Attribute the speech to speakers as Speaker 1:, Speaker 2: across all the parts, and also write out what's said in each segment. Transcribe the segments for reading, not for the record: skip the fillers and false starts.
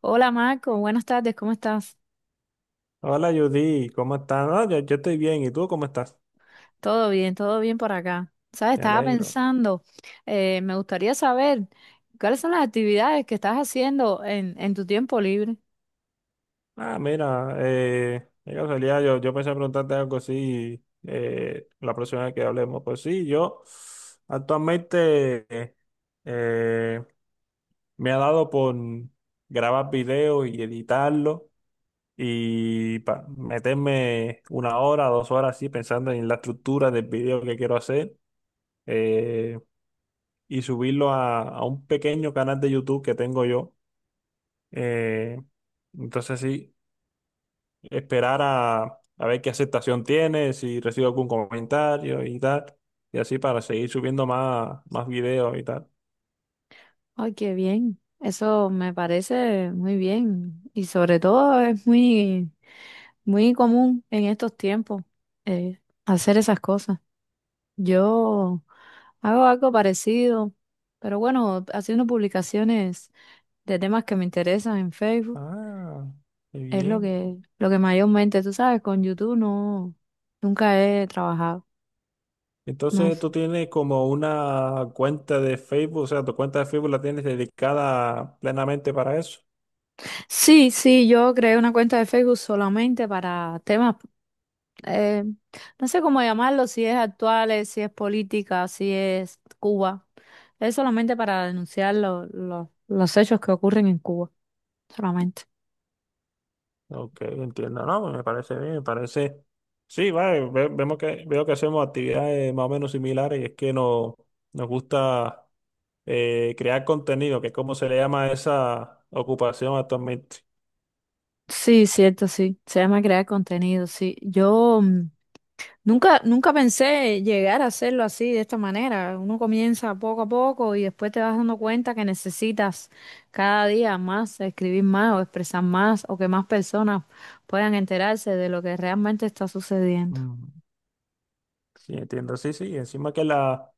Speaker 1: Hola Marco, buenas tardes, ¿cómo estás?
Speaker 2: Hola Judy, ¿cómo estás? No, yo estoy bien, ¿y tú cómo estás?
Speaker 1: Todo bien por acá. Sabes,
Speaker 2: Me
Speaker 1: estaba
Speaker 2: alegro.
Speaker 1: pensando, me gustaría saber cuáles son las actividades que estás haciendo en tu tiempo libre.
Speaker 2: Ah, mira, de casualidad, yo pensé preguntarte algo así, la próxima vez que hablemos. Pues sí, yo actualmente eh, me ha dado por grabar videos y editarlo, y meterme 1 hora, 2 horas así pensando en la estructura del video que quiero hacer, eh, y subirlo a un pequeño canal de YouTube que tengo yo. Eh, entonces sí, esperar a ver qué aceptación tiene, si recibo algún comentario y tal, y así para seguir subiendo más videos y tal.
Speaker 1: Ay, qué bien, eso me parece muy bien y sobre todo es muy, muy común en estos tiempos eh, hacer esas cosas. Yo hago algo parecido, pero bueno, haciendo publicaciones de temas que me interesan en Facebook.
Speaker 2: Ah, qué
Speaker 1: Es
Speaker 2: bien.
Speaker 1: lo que mayormente, tú sabes, con YouTube no, nunca he trabajado. No
Speaker 2: Entonces
Speaker 1: sé.
Speaker 2: tú tienes como una cuenta de Facebook, o sea, tu cuenta de Facebook la tienes dedicada plenamente para eso.
Speaker 1: Sí, sí, yo creé una cuenta de Facebook solamente para temas, eh, no sé cómo llamarlo, si es actuales, si es política, si es Cuba. Es solamente para denunciar los hechos que ocurren en Cuba, solamente.
Speaker 2: Ok, entiendo, no, pues me parece bien, me parece. Sí, vale, vemos veo que hacemos actividades más o menos similares, y es que nos gusta crear contenido, que es como se le llama a esa ocupación actualmente.
Speaker 1: Sí, cierto, sí. Se llama crear contenido, sí. Nunca, nunca pensé llegar a hacerlo así, de esta manera. Uno comienza poco a poco y después te vas dando cuenta que necesitas cada día más escribir más o expresar más o que más personas puedan enterarse de lo que realmente está sucediendo.
Speaker 2: Mm. Sí, entiendo, sí, sí, encima que la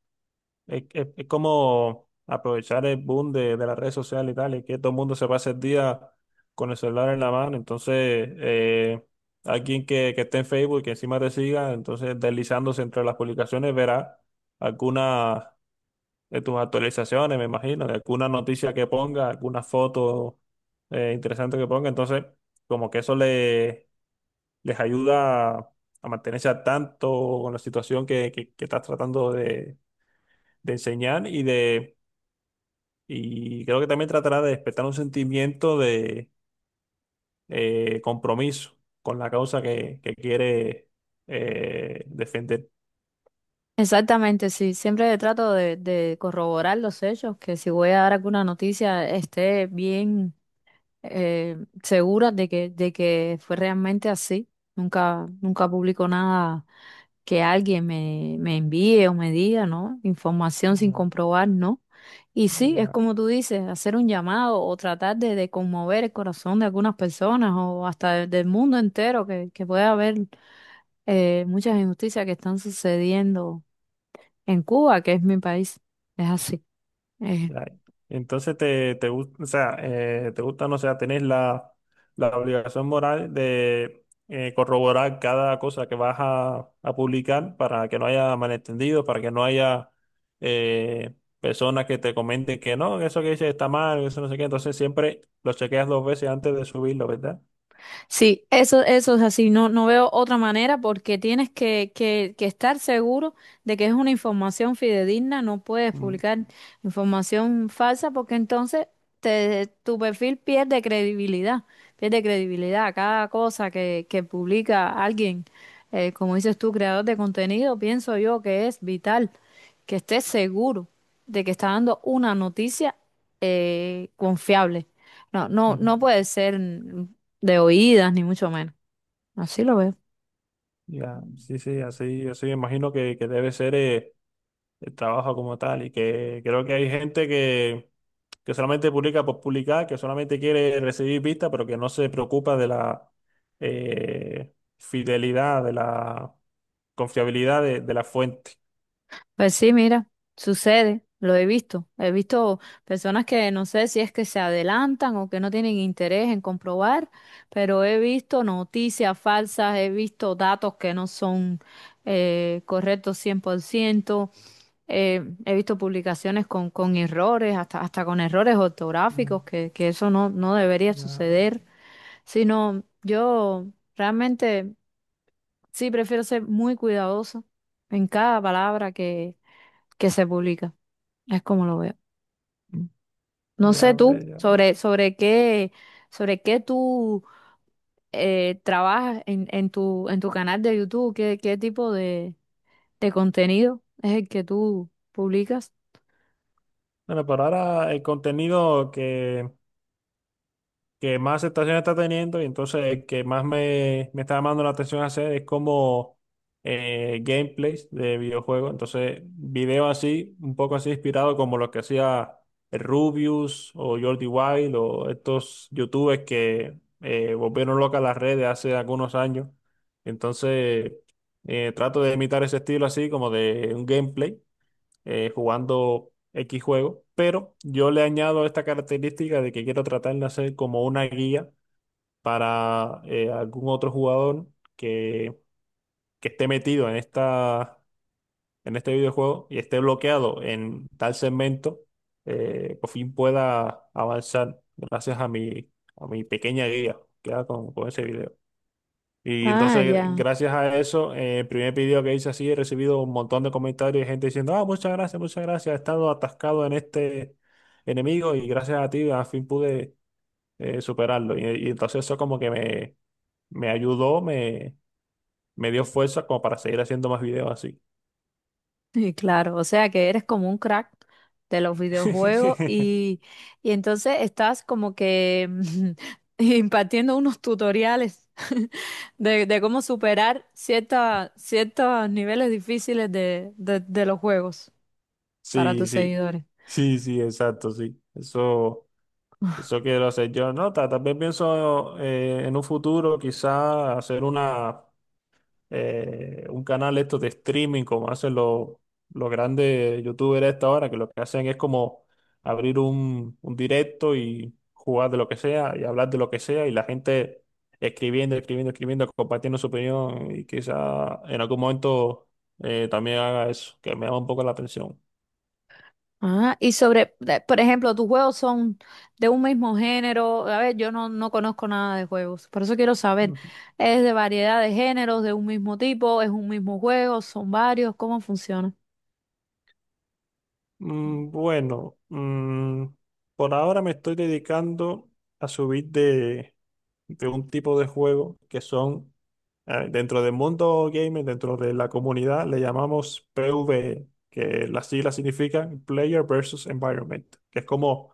Speaker 2: es como aprovechar el boom de las redes sociales y tal, y que todo el mundo se pasa el día con el celular en la mano. Entonces, alguien que esté en Facebook y que encima te siga, entonces deslizándose entre las publicaciones verá alguna de tus actualizaciones, me imagino, de alguna noticia que ponga, alguna foto interesante que ponga. Entonces, como que eso le, les ayuda a mantenerse al tanto con la situación que estás tratando de enseñar y creo que también tratará de despertar un sentimiento de compromiso con la causa que quiere defender.
Speaker 1: Exactamente, sí. Siempre trato de corroborar los hechos, que si voy a dar alguna noticia esté bien. eh, Segura de que fue realmente así. Nunca, nunca publico nada que alguien me envíe o me diga, ¿no? Información sin
Speaker 2: Ya,
Speaker 1: comprobar, ¿no? Y sí, es
Speaker 2: ya.
Speaker 1: como tú dices, hacer un llamado o tratar de conmover el corazón de algunas personas o hasta del mundo entero, que puede haber muchas injusticias que están sucediendo en Cuba, que es mi país. Es así.
Speaker 2: Ya. Entonces te gusta, o sea, te gusta, no sé, tenés la obligación moral de corroborar cada cosa que vas a publicar para que no haya malentendido, para que no haya eh, personas que te comenten que no, que eso que dices está mal, eso no sé qué. Entonces siempre lo chequeas dos veces antes de subirlo, ¿verdad?
Speaker 1: Sí, eso es así. No, no veo otra manera porque tienes que estar seguro de que es una información fidedigna. No puedes
Speaker 2: Mm,
Speaker 1: publicar información falsa porque entonces tu perfil pierde credibilidad. Pierde credibilidad. Cada cosa que publica alguien, como dices tú, creador de contenido, pienso yo que es vital que estés seguro de que está dando una noticia confiable. No, no,
Speaker 2: ujú.
Speaker 1: no puede ser de oídas, ni mucho menos. Así lo veo.
Speaker 2: Ya, sí, sí, así, así me imagino que debe ser. El trabajo como tal. Y que creo que hay gente que solamente publica por publicar, que solamente quiere recibir vistas, pero que no se preocupa de la fidelidad, de la confiabilidad de la fuente.
Speaker 1: Pues sí, mira, sucede, lo he visto. He visto personas que no sé si es que se adelantan o que no tienen interés en comprobar, pero he visto noticias falsas, he visto datos que no son correctos 100%, he visto publicaciones con errores, hasta, hasta con errores ortográficos,
Speaker 2: Mm,
Speaker 1: que eso no, no debería
Speaker 2: ya,
Speaker 1: suceder, sino yo realmente... Sí, prefiero ser muy cuidadoso en cada palabra que se publica. Es como lo veo. Mm. No sé
Speaker 2: ya
Speaker 1: tú
Speaker 2: veo.
Speaker 1: sobre qué tú trabajas en tu canal de YouTube, qué, qué tipo de contenido es el que tú publicas.
Speaker 2: Bueno, pero ahora el contenido que más aceptación está teniendo, y entonces el que más me está llamando la atención hacer es como gameplays de videojuegos. Entonces, videos así, un poco así inspirado como los que hacía el Rubius o Jordi Wild o estos youtubers que volvieron locas las redes hace algunos años. Entonces, trato de imitar ese estilo así como de un gameplay jugando X juego, pero yo le añado esta característica de que quiero tratar de hacer como una guía para algún otro jugador que, que esté metido en esta, en este videojuego y esté bloqueado en tal segmento, por fin pueda avanzar gracias a mi pequeña guía que hago con ese video. Y
Speaker 1: Ah,
Speaker 2: entonces,
Speaker 1: ya.
Speaker 2: gracias a eso, el primer video que hice así, he recibido un montón de comentarios y gente diciendo, ah, muchas gracias, he estado atascado en este enemigo, y gracias a ti al fin pude superarlo. Y entonces eso como que me ayudó, me dio fuerza como para seguir haciendo más videos así.
Speaker 1: Y claro, o sea que eres como un crack de los videojuegos y entonces estás como que impartiendo unos tutoriales de cómo superar ciertos niveles difíciles de, de los juegos para
Speaker 2: Sí,
Speaker 1: tus
Speaker 2: sí,
Speaker 1: seguidores.
Speaker 2: sí, sí, exacto, sí. Eso quiero hacer yo. No, también pienso en un futuro quizá hacer una un canal esto de streaming como hacen los grandes youtubers a esta hora, que lo que hacen es como abrir un directo y jugar de lo que sea y hablar de lo que sea, y la gente escribiendo, escribiendo, escribiendo, compartiendo su opinión, y quizá en algún momento también haga eso, que me llama un poco la atención.
Speaker 1: Ah, y sobre, por ejemplo, tus juegos son de un mismo género. A ver, yo no, no conozco nada de juegos, por eso quiero saber.
Speaker 2: Ujú.
Speaker 1: ¿Es de variedad de géneros, de un mismo tipo? ¿Es un mismo juego? ¿Son varios? ¿Cómo funciona?
Speaker 2: Bueno, por ahora me estoy dedicando a subir de un tipo de juego que son, dentro del mundo gamer, dentro de la comunidad, le llamamos PvE, que las siglas significan Player versus Environment, que es como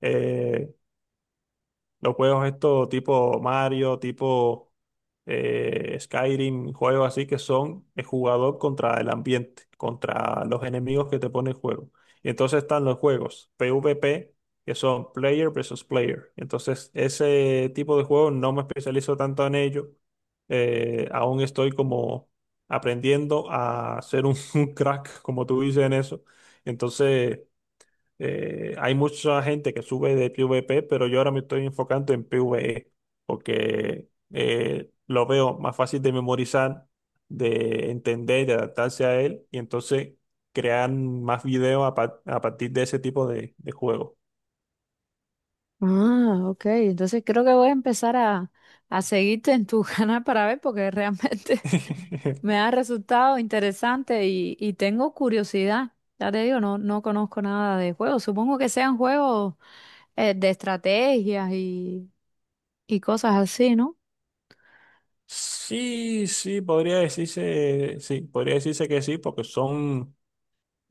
Speaker 2: eh, los juegos estos tipo Mario, tipo Skyrim, juegos así que son el jugador contra el ambiente, contra los enemigos que te pone el juego. Y entonces están los juegos PvP, que son player versus player. Entonces, ese tipo de juegos no me especializo tanto en ello. Aún estoy como aprendiendo a ser un, un crack, como tú dices en eso. Entonces. Hay mucha gente que sube de PvP, pero yo ahora me estoy enfocando en PvE, porque lo veo más fácil de memorizar, de entender, de adaptarse a él, y entonces crear más videos a partir de ese tipo de juego.
Speaker 1: Ah, ok. Entonces creo que voy a empezar a seguirte en tu canal para ver porque realmente me ha resultado interesante y tengo curiosidad. Ya te digo, no, no conozco nada de juegos. Supongo que sean juegos de estrategias y cosas así, ¿no?
Speaker 2: Sí, sí, podría decirse que sí, porque son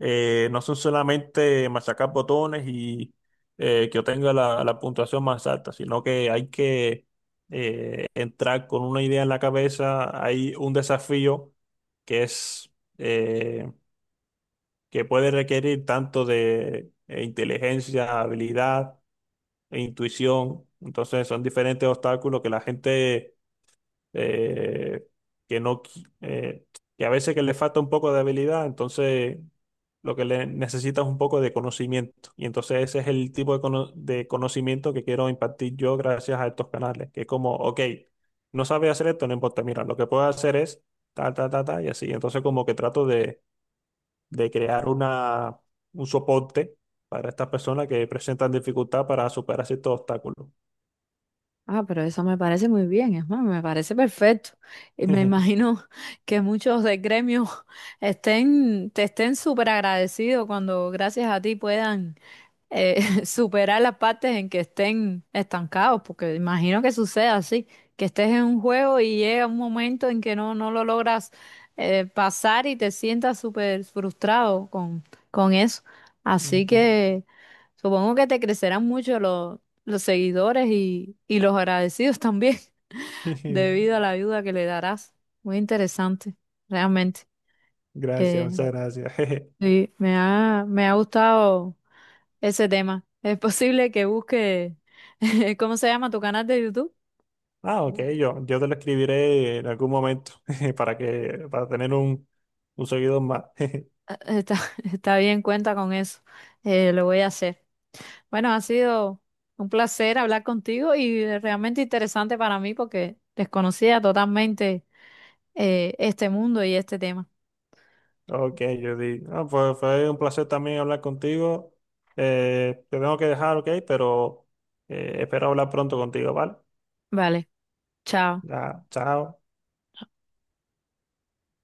Speaker 2: No son solamente machacar botones, y que obtenga la puntuación más alta, sino que hay que entrar con una idea en la cabeza. Hay un desafío que es eh, que puede requerir tanto de inteligencia, habilidad e intuición. Entonces son diferentes obstáculos que la gente eh, que no, qui- que a veces que le falta un poco de habilidad, entonces lo que le necesita es un poco de conocimiento. Y entonces ese es el tipo de conocimiento que quiero impartir yo gracias a estos canales, que es como, ok, no sabe hacer esto, no importa, mira, lo que puedo hacer es ta, ta, ta, ta, y así. Entonces como que trato de crear un soporte para estas personas que presentan dificultad para superar ciertos obstáculos.
Speaker 1: Ah, pero eso me parece muy bien, es más, me parece perfecto. Y me imagino que muchos de gremio estén, te estén súper agradecidos cuando gracias a ti puedan superar las partes en que estén estancados, porque imagino que sucede así, que estés en un juego y llega un momento en que no, no lo logras pasar y te sientas súper frustrado con eso. Así
Speaker 2: Ujú.
Speaker 1: que supongo que te crecerán mucho los seguidores y los agradecidos también, debido a la ayuda que le darás. Muy interesante, realmente.
Speaker 2: Gracias,
Speaker 1: Eh,
Speaker 2: muchas gracias.
Speaker 1: sí, me ha gustado ese tema. Es posible que busque, ¿cómo se llama tu canal de YouTube?
Speaker 2: Ah, ok, yo te lo escribiré en algún momento para que, para tener un seguidor más.
Speaker 1: Ah, está, está bien, cuenta con eso. Lo voy a hacer. Bueno, ha sido un placer hablar contigo y realmente interesante para mí porque desconocía totalmente este mundo y este tema.
Speaker 2: Ok, ah, pues fue un placer también hablar contigo. Te tengo que dejar, ok, pero espero hablar pronto contigo, ¿vale?
Speaker 1: Vale, chao.
Speaker 2: Ya, chao.